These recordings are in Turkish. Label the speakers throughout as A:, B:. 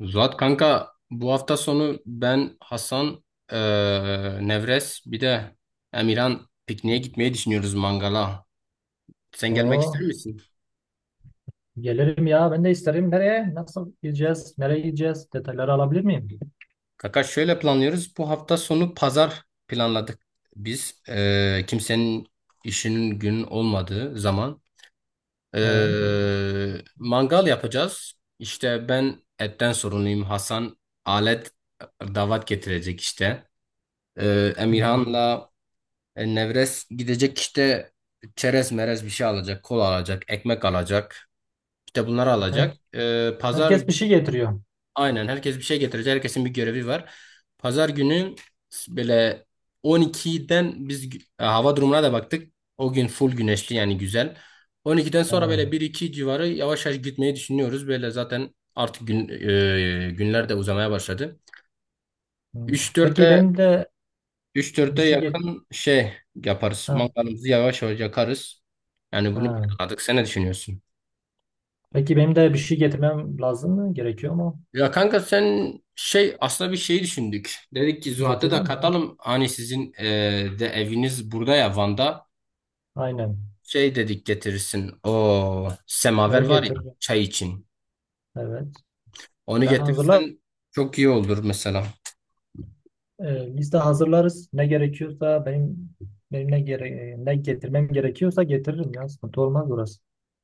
A: Zuhat kanka bu hafta sonu ben Hasan, Nevres bir de Emirhan pikniğe gitmeyi düşünüyoruz mangala. Sen gelmek
B: Oo,
A: ister misin?
B: gelirim ya. Ben de isterim. Nereye? Nasıl gideceğiz? Nereye gideceğiz? Detayları alabilir miyim?
A: Kanka şöyle planlıyoruz. Bu hafta sonu pazar planladık biz. Kimsenin işinin gün olmadığı zaman.
B: He.
A: Mangal yapacağız. İşte ben etten sorumluyum. Hasan alet davat getirecek işte.
B: Hmm.
A: Emirhan'la Nevres gidecek işte çerez merez bir şey alacak, kola alacak, ekmek alacak. İşte bunları
B: Her,
A: alacak. E, pazar
B: herkes bir şey getiriyor.
A: aynen herkes bir şey getirecek. Herkesin bir görevi var. Pazar günü böyle 12'den biz hava durumuna da baktık. O gün full güneşli yani güzel. 12'den sonra
B: He.
A: böyle bir iki civarı yavaş yavaş gitmeyi düşünüyoruz. Böyle zaten artık günler de uzamaya başladı.
B: Hmm. Peki
A: 3-4'te
B: benim de
A: üç
B: bir
A: 4'e
B: şey get
A: yakın şey yaparız.
B: ha,
A: Mangalımızı yavaş yavaş yakarız. Yani bunu
B: ha.
A: planladık. Sen ne düşünüyorsun?
B: Peki benim de bir şey getirmem lazım mı? Gerekiyor mu?
A: Ya kanka sen şey aslında bir şey düşündük. Dedik ki Zuhat'ı da
B: Getireyim ya.
A: katalım. Hani sizin de eviniz burada ya Van'da.
B: Aynen.
A: Şey dedik getirirsin. O
B: Ya
A: semaver var ya
B: getir.
A: çay için.
B: Evet.
A: Onu
B: Ya hazırlar.
A: getirirsen çok iyi olur mesela.
B: Liste hazırlarız. Ne gerekiyorsa benim ne getirmem gerekiyorsa getiririm ya. Sıkıntı olmaz orası.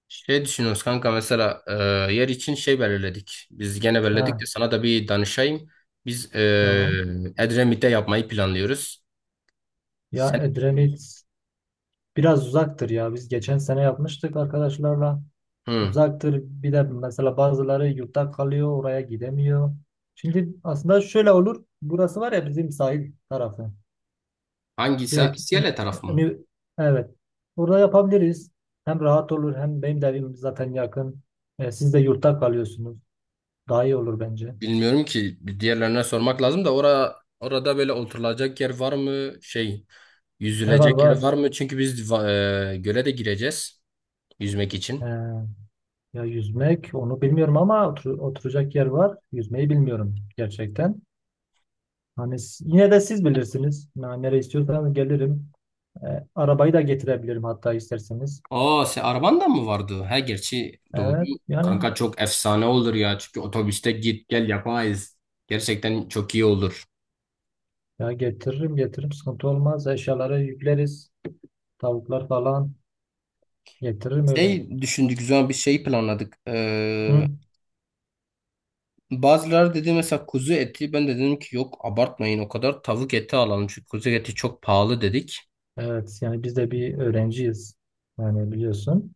A: Şey düşünüyoruz kanka mesela yer için şey belirledik. Biz gene belirledik
B: Ha,
A: de sana da bir danışayım. Biz
B: tamam.
A: Edremit'te yapmayı planlıyoruz. Sen
B: Ya Edremit biraz uzaktır ya. Biz geçen sene yapmıştık arkadaşlarla.
A: Hı.
B: Uzaktır. Bir de mesela bazıları yurtta kalıyor, oraya gidemiyor. Şimdi aslında şöyle olur. Burası var ya bizim sahil tarafı.
A: Hangisi?
B: Direkt
A: İskele taraf mı?
B: önü, evet. Burada yapabiliriz. Hem rahat olur hem benim de evim zaten yakın. E, siz de yurtta kalıyorsunuz. Daha iyi olur bence.
A: Bilmiyorum ki bir diğerlerine sormak lazım da orada böyle oturulacak yer var mı? Şey
B: E var
A: yüzülecek
B: var.
A: yer var mı? Çünkü biz göle de gireceğiz yüzmek için.
B: E, ya yüzmek onu bilmiyorum ama oturacak yer var. Yüzmeyi bilmiyorum gerçekten. Hani yine de siz bilirsiniz. Yani nereye istiyorsanız gelirim. E, arabayı da getirebilirim hatta isterseniz.
A: Aa, sen arabandan mı vardı? Ha gerçi doğru.
B: Evet yani
A: Kanka çok efsane olur ya. Çünkü otobüste git gel yapamayız. Gerçekten çok iyi olur.
B: ya getiririm getiririm sıkıntı olmaz. Eşyaları yükleriz. Tavuklar falan getiririm öyle.
A: Şey düşündük, güzel bir şey planladık. Ee,
B: Hı?
A: bazıları dedi mesela kuzu eti. Ben de dedim ki yok abartmayın o kadar tavuk eti alalım. Çünkü kuzu eti çok pahalı dedik.
B: Evet yani biz de bir öğrenciyiz. Yani biliyorsun.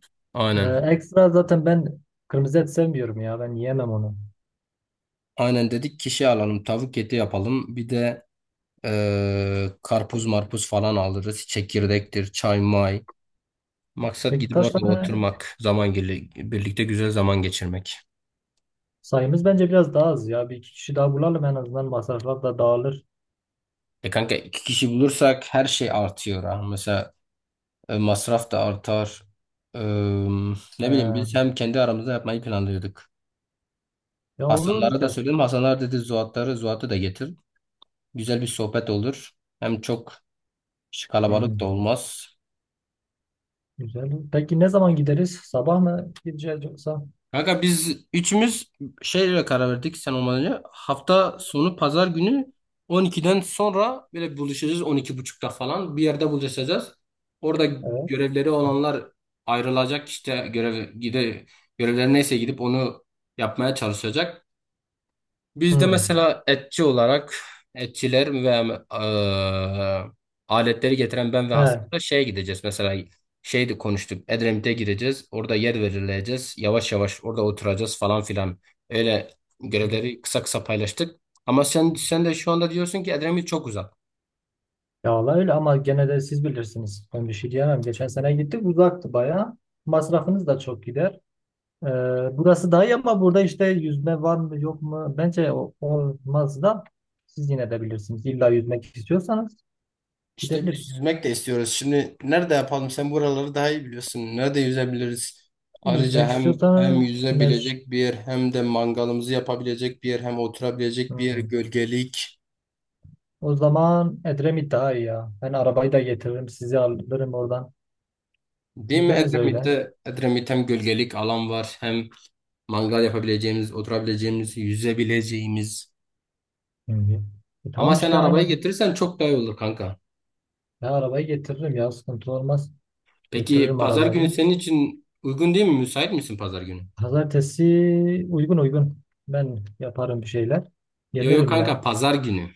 A: Aynen.
B: Ekstra zaten ben kırmızı et sevmiyorum ya ben yiyemem onu.
A: Aynen dedik kişi alalım tavuk eti yapalım. Bir de karpuz marpuz falan alırız. Çekirdektir, çay may. Maksat
B: Peki
A: gidip
B: kaç
A: orada
B: tane
A: oturmak, zaman birlikte güzel zaman geçirmek.
B: sayımız bence biraz daha az ya. Bir iki kişi daha bulalım en azından masraflar da dağılır.
A: E kanka iki kişi bulursak her şey artıyor ha. Mesela masraf da artar. Ee, ne bileyim biz
B: E,
A: hem kendi aramızda yapmayı planlıyorduk.
B: Ya olur
A: Hasanlara da
B: ya
A: söyledim.
B: siz-
A: Hasanlar dedi Zuhat'ı da getir. Güzel bir sohbet olur. Hem çok
B: Hı.
A: kalabalık da olmaz.
B: Güzel. Peki ne zaman gideriz? Sabah mı gideceğiz yoksa?
A: Kanka biz üçümüz şeyle karar verdik sen olmadan önce. Hafta sonu pazar günü 12'den sonra böyle buluşacağız 12:30'da falan. Bir yerde buluşacağız. Orada
B: Evet.
A: görevleri olanlar ayrılacak işte görevleri neyse gidip onu yapmaya çalışacak. Bizde
B: Hmm.
A: mesela etçi olarak etçiler ve aletleri getiren ben ve
B: He.
A: Hasan'la şeye gideceğiz. Mesela şeydi konuştuk. Edremit'e gireceğiz. Orada yer verileceğiz. Yavaş yavaş orada oturacağız falan filan. Öyle görevleri kısa kısa paylaştık. Ama sen de şu anda diyorsun ki Edremit çok uzak.
B: Ya valla öyle ama gene de siz bilirsiniz. Ben bir şey diyemem. Geçen sene gittik uzaktı bayağı. Masrafınız da çok gider. Ee, Burası daha iyi ama burada işte yüzme var mı yok mu? Bence olmaz da siz yine de bilirsiniz. İlla yüzmek istiyorsanız
A: İşte biz
B: gidebiliriz.
A: yüzmek de istiyoruz. Şimdi nerede yapalım? Sen buraları daha iyi biliyorsun. Nerede yüzebiliriz? Ayrıca
B: Yüzmek
A: hem
B: istiyorsanız
A: yüzebilecek bir yer, hem de mangalımızı yapabilecek bir yer, hem oturabilecek bir yer,
B: Hmm.
A: gölgelik.
B: O zaman Edremit daha iyi ya. Ben arabayı da getiririm. Sizi alırım oradan.
A: Değil mi
B: Gideriz öyle.
A: Edremit'te? Edremit hem gölgelik alan var, hem mangal yapabileceğimiz, oturabileceğimiz, yüzebileceğimiz.
B: Hı hı. E
A: Ama
B: tamam
A: sen
B: işte
A: arabayı
B: aynen.
A: getirirsen çok daha iyi olur kanka.
B: Ben arabayı getiririm ya sıkıntı olmaz.
A: Peki
B: Getiririm
A: pazar günü
B: arabayı.
A: senin için uygun değil mi? Müsait misin pazar günü?
B: Pazartesi uygun uygun. Ben yaparım bir şeyler.
A: Yo yo
B: Gelirim
A: kanka,
B: ya.
A: pazar günü.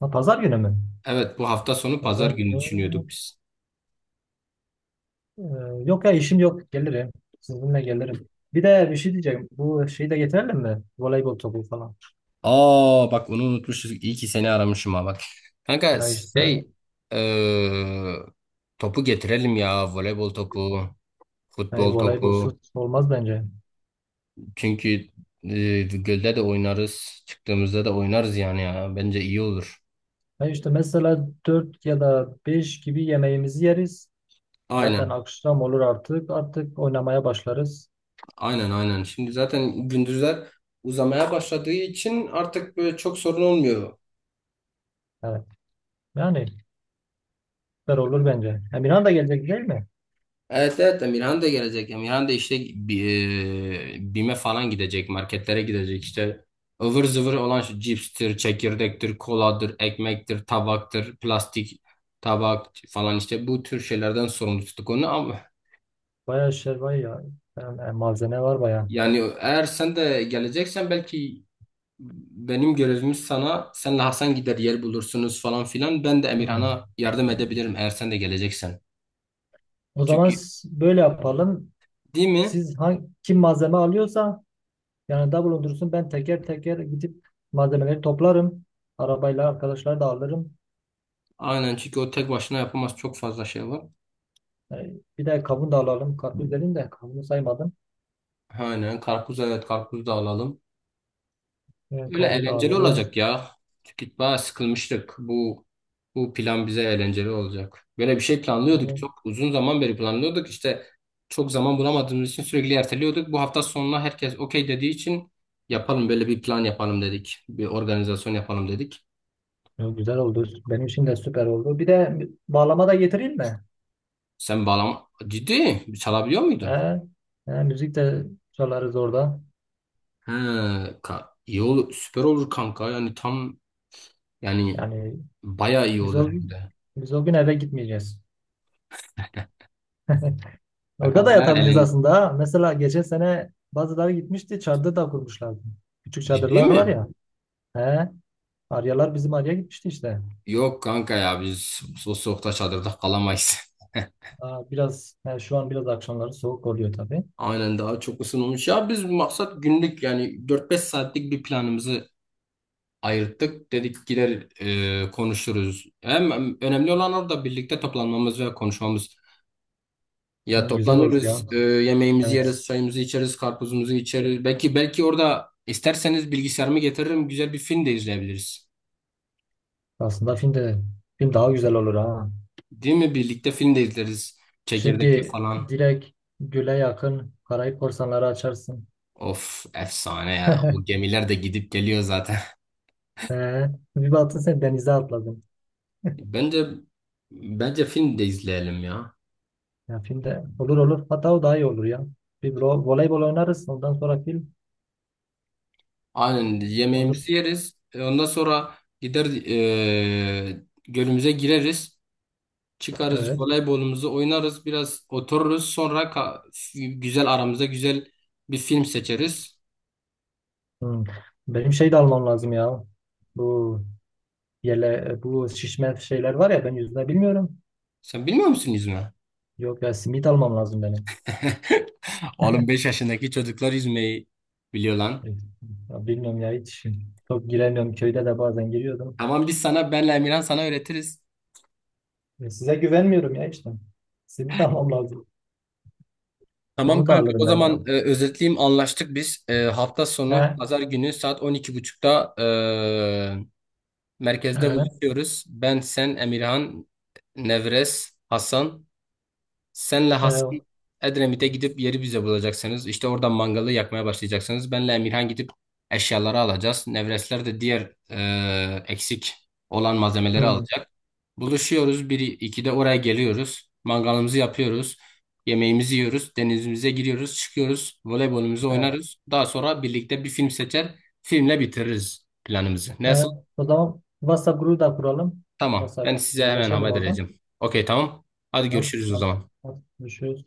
B: Ha, pazar günü mü?
A: Evet, bu hafta sonu pazar
B: Pazar
A: günü
B: günü.
A: düşünüyorduk biz.
B: e, Yok ya işim yok. Gelirim. Sizinle gelirim. Bir de bir şey diyeceğim. Bu şeyi de getirelim mi? Voleybol topu falan.
A: Aa bak, onu unutmuşuz. İyi ki seni aramışım ha bak. Kanka
B: Ya işte
A: şey eee, topu getirelim ya, voleybol topu,
B: hani
A: futbol
B: voleybolsuz
A: topu.
B: olmaz bence.
A: Çünkü gölde de oynarız. Çıktığımızda da oynarız yani ya. Bence iyi olur.
B: Ya işte mesela 4 ya da 5 gibi yemeğimizi yeriz. Zaten
A: Aynen,
B: akşam olur artık. Artık oynamaya başlarız.
A: aynen, aynen. Şimdi zaten gündüzler uzamaya başladığı için artık böyle çok sorun olmuyor.
B: Evet. Yani süper olur bence. Emirhan da gelecek değil mi?
A: Evet, evet, Emirhan da gelecek. Emirhan da işte BİM'e falan gidecek. Marketlere gidecek işte. Ivır zıvır olan şu cipstir, çekirdektir, koladır, ekmektir, tabaktır, plastik tabak falan, işte bu tür şeylerden sorumlu tuttuk onu. Ama
B: Bayağı şey var ya. Yani, malzeme var bayağı.
A: yani eğer sen de geleceksen, belki benim görevimiz, sana senle Hasan gider yer bulursunuz falan filan, ben de
B: Hmm.
A: Emirhan'a yardım edebilirim eğer sen de geleceksen.
B: O zaman
A: Çünkü,
B: böyle yapalım.
A: değil mi?
B: Siz kim malzeme alıyorsa yanında bulundursun. Ben teker teker gidip malzemeleri toplarım. Arabayla arkadaşlar da alırım.
A: Aynen, çünkü o tek başına yapamaz, çok fazla şey var.
B: E, bir de kavun da alalım. Karpuz dedim de kavunu saymadım.
A: Aynen, karpuz, evet, karpuz da alalım.
B: E,
A: Öyle
B: kavun da
A: eğlenceli
B: alırız.
A: olacak ya. Çünkü bayağı sıkılmıştık. Bu plan bize eğlenceli olacak. Böyle bir şey planlıyorduk,
B: Yani,
A: çok uzun zaman beri planlıyorduk. İşte çok zaman bulamadığımız için sürekli erteliyorduk. Bu hafta sonuna herkes okey dediği için yapalım böyle bir plan, yapalım dedik. Bir organizasyon yapalım dedik.
B: güzel oldu. Benim için de süper oldu. Bir de bağlama da getireyim mi?
A: Sen bağlam ciddi çalabiliyor muydun?
B: He, he, müzik de çalarız orada.
A: He, iyi olur, süper olur kanka. Yani tam yani
B: Yani
A: bayağı iyi
B: biz
A: olur
B: o
A: hem
B: gün,
A: de.
B: biz o gün eve gitmeyeceğiz. Orada
A: Kanka
B: da
A: bayağı
B: yatabiliriz
A: eğlen-
B: aslında. Ha. Mesela geçen sene bazıları gitmişti, çadır da kurmuşlardı. Küçük
A: Ciddi
B: çadırlar
A: mi?
B: var ya. He, Aryalar bizim Arya gitmişti işte.
A: Yok kanka ya, biz soğukta çadırda kalamayız.
B: Aa, biraz he, şu an biraz akşamları soğuk oluyor tabii.
A: Aynen, daha çok ısınmış. Ya biz maksat günlük, yani 4-5 saatlik bir planımızı ayırttık. Dedik gider konuşuruz. Hem önemli olan orada birlikte toplanmamız ve konuşmamız. Ya
B: Hem güzel olur
A: toplanırız,
B: ya.
A: yemeğimizi
B: Evet.
A: yeriz, çayımızı içeriz, karpuzumuzu içeriz. Belki orada isterseniz bilgisayarımı getiririm, güzel bir film de izleyebiliriz.
B: Aslında film de film daha güzel olur ha.
A: Değil mi? Birlikte film de izleriz. Çekirdekli
B: Şimdi
A: falan.
B: direkt Gül'e yakın Karayip Korsanları açarsın.
A: Of, efsane ya. O gemiler de gidip geliyor zaten.
B: Ee, Bir baktın sen denize atladın.
A: Bence bence film de izleyelim ya.
B: Ya filmde olur olur. Hatta o daha iyi olur ya. Bir voleybol oynarız. Ondan sonra film
A: Aynen,
B: olur.
A: yemeğimizi yeriz. Ondan sonra gider gölümüze gireriz. Çıkarız,
B: Evet.
A: voleybolumuzu oynarız. Biraz otururuz. Sonra güzel, aramızda güzel bir film seçeriz.
B: Hmm. Benim şey de almam lazım ya. Bu yele, bu şişme şeyler var ya ben yüzme bilmiyorum.
A: Sen bilmiyor musun yüzme?
B: Yok ya simit almam lazım benim.
A: Oğlum, 5 yaşındaki çocuklar yüzmeyi biliyor lan.
B: Ya bilmiyorum ya hiç. Çok giremiyorum. Köyde de bazen giriyordum.
A: Tamam, biz sana, benle Emirhan sana öğretiriz.
B: Size güvenmiyorum ya işte. Simit almam lazım.
A: Tamam
B: Onu da
A: kanka, o
B: alırım ben ya.
A: zaman özetleyeyim, anlaştık biz. Hafta sonu
B: He,
A: pazar günü saat 12.30'da merkezde
B: he,
A: buluşuyoruz. Ben, sen, Emirhan, Nevres, Hasan. Senle Hasan
B: he.
A: Edremit'e gidip yeri bize bulacaksınız. İşte oradan mangalı yakmaya başlayacaksınız. Benle Emirhan gidip eşyaları alacağız. Nevresler de diğer eksik olan malzemeleri
B: Hmm,
A: alacak. Buluşuyoruz. Bir, 2'de oraya geliyoruz. Mangalımızı yapıyoruz. Yemeğimizi yiyoruz. Denizimize giriyoruz. Çıkıyoruz. Voleybolumuzu
B: he.
A: oynarız. Daha sonra birlikte bir film seçer. Filmle bitiririz planımızı.
B: Ee,
A: Nasıl?
B: O zaman WhatsApp grubu da kuralım.
A: Tamam. Ben
B: WhatsApp
A: size hemen
B: haberleşelim
A: haber
B: oradan.
A: vereceğim. Okey, tamam. Hadi
B: Tamam.
A: görüşürüz o
B: Tamam.
A: zaman.
B: Görüşürüz.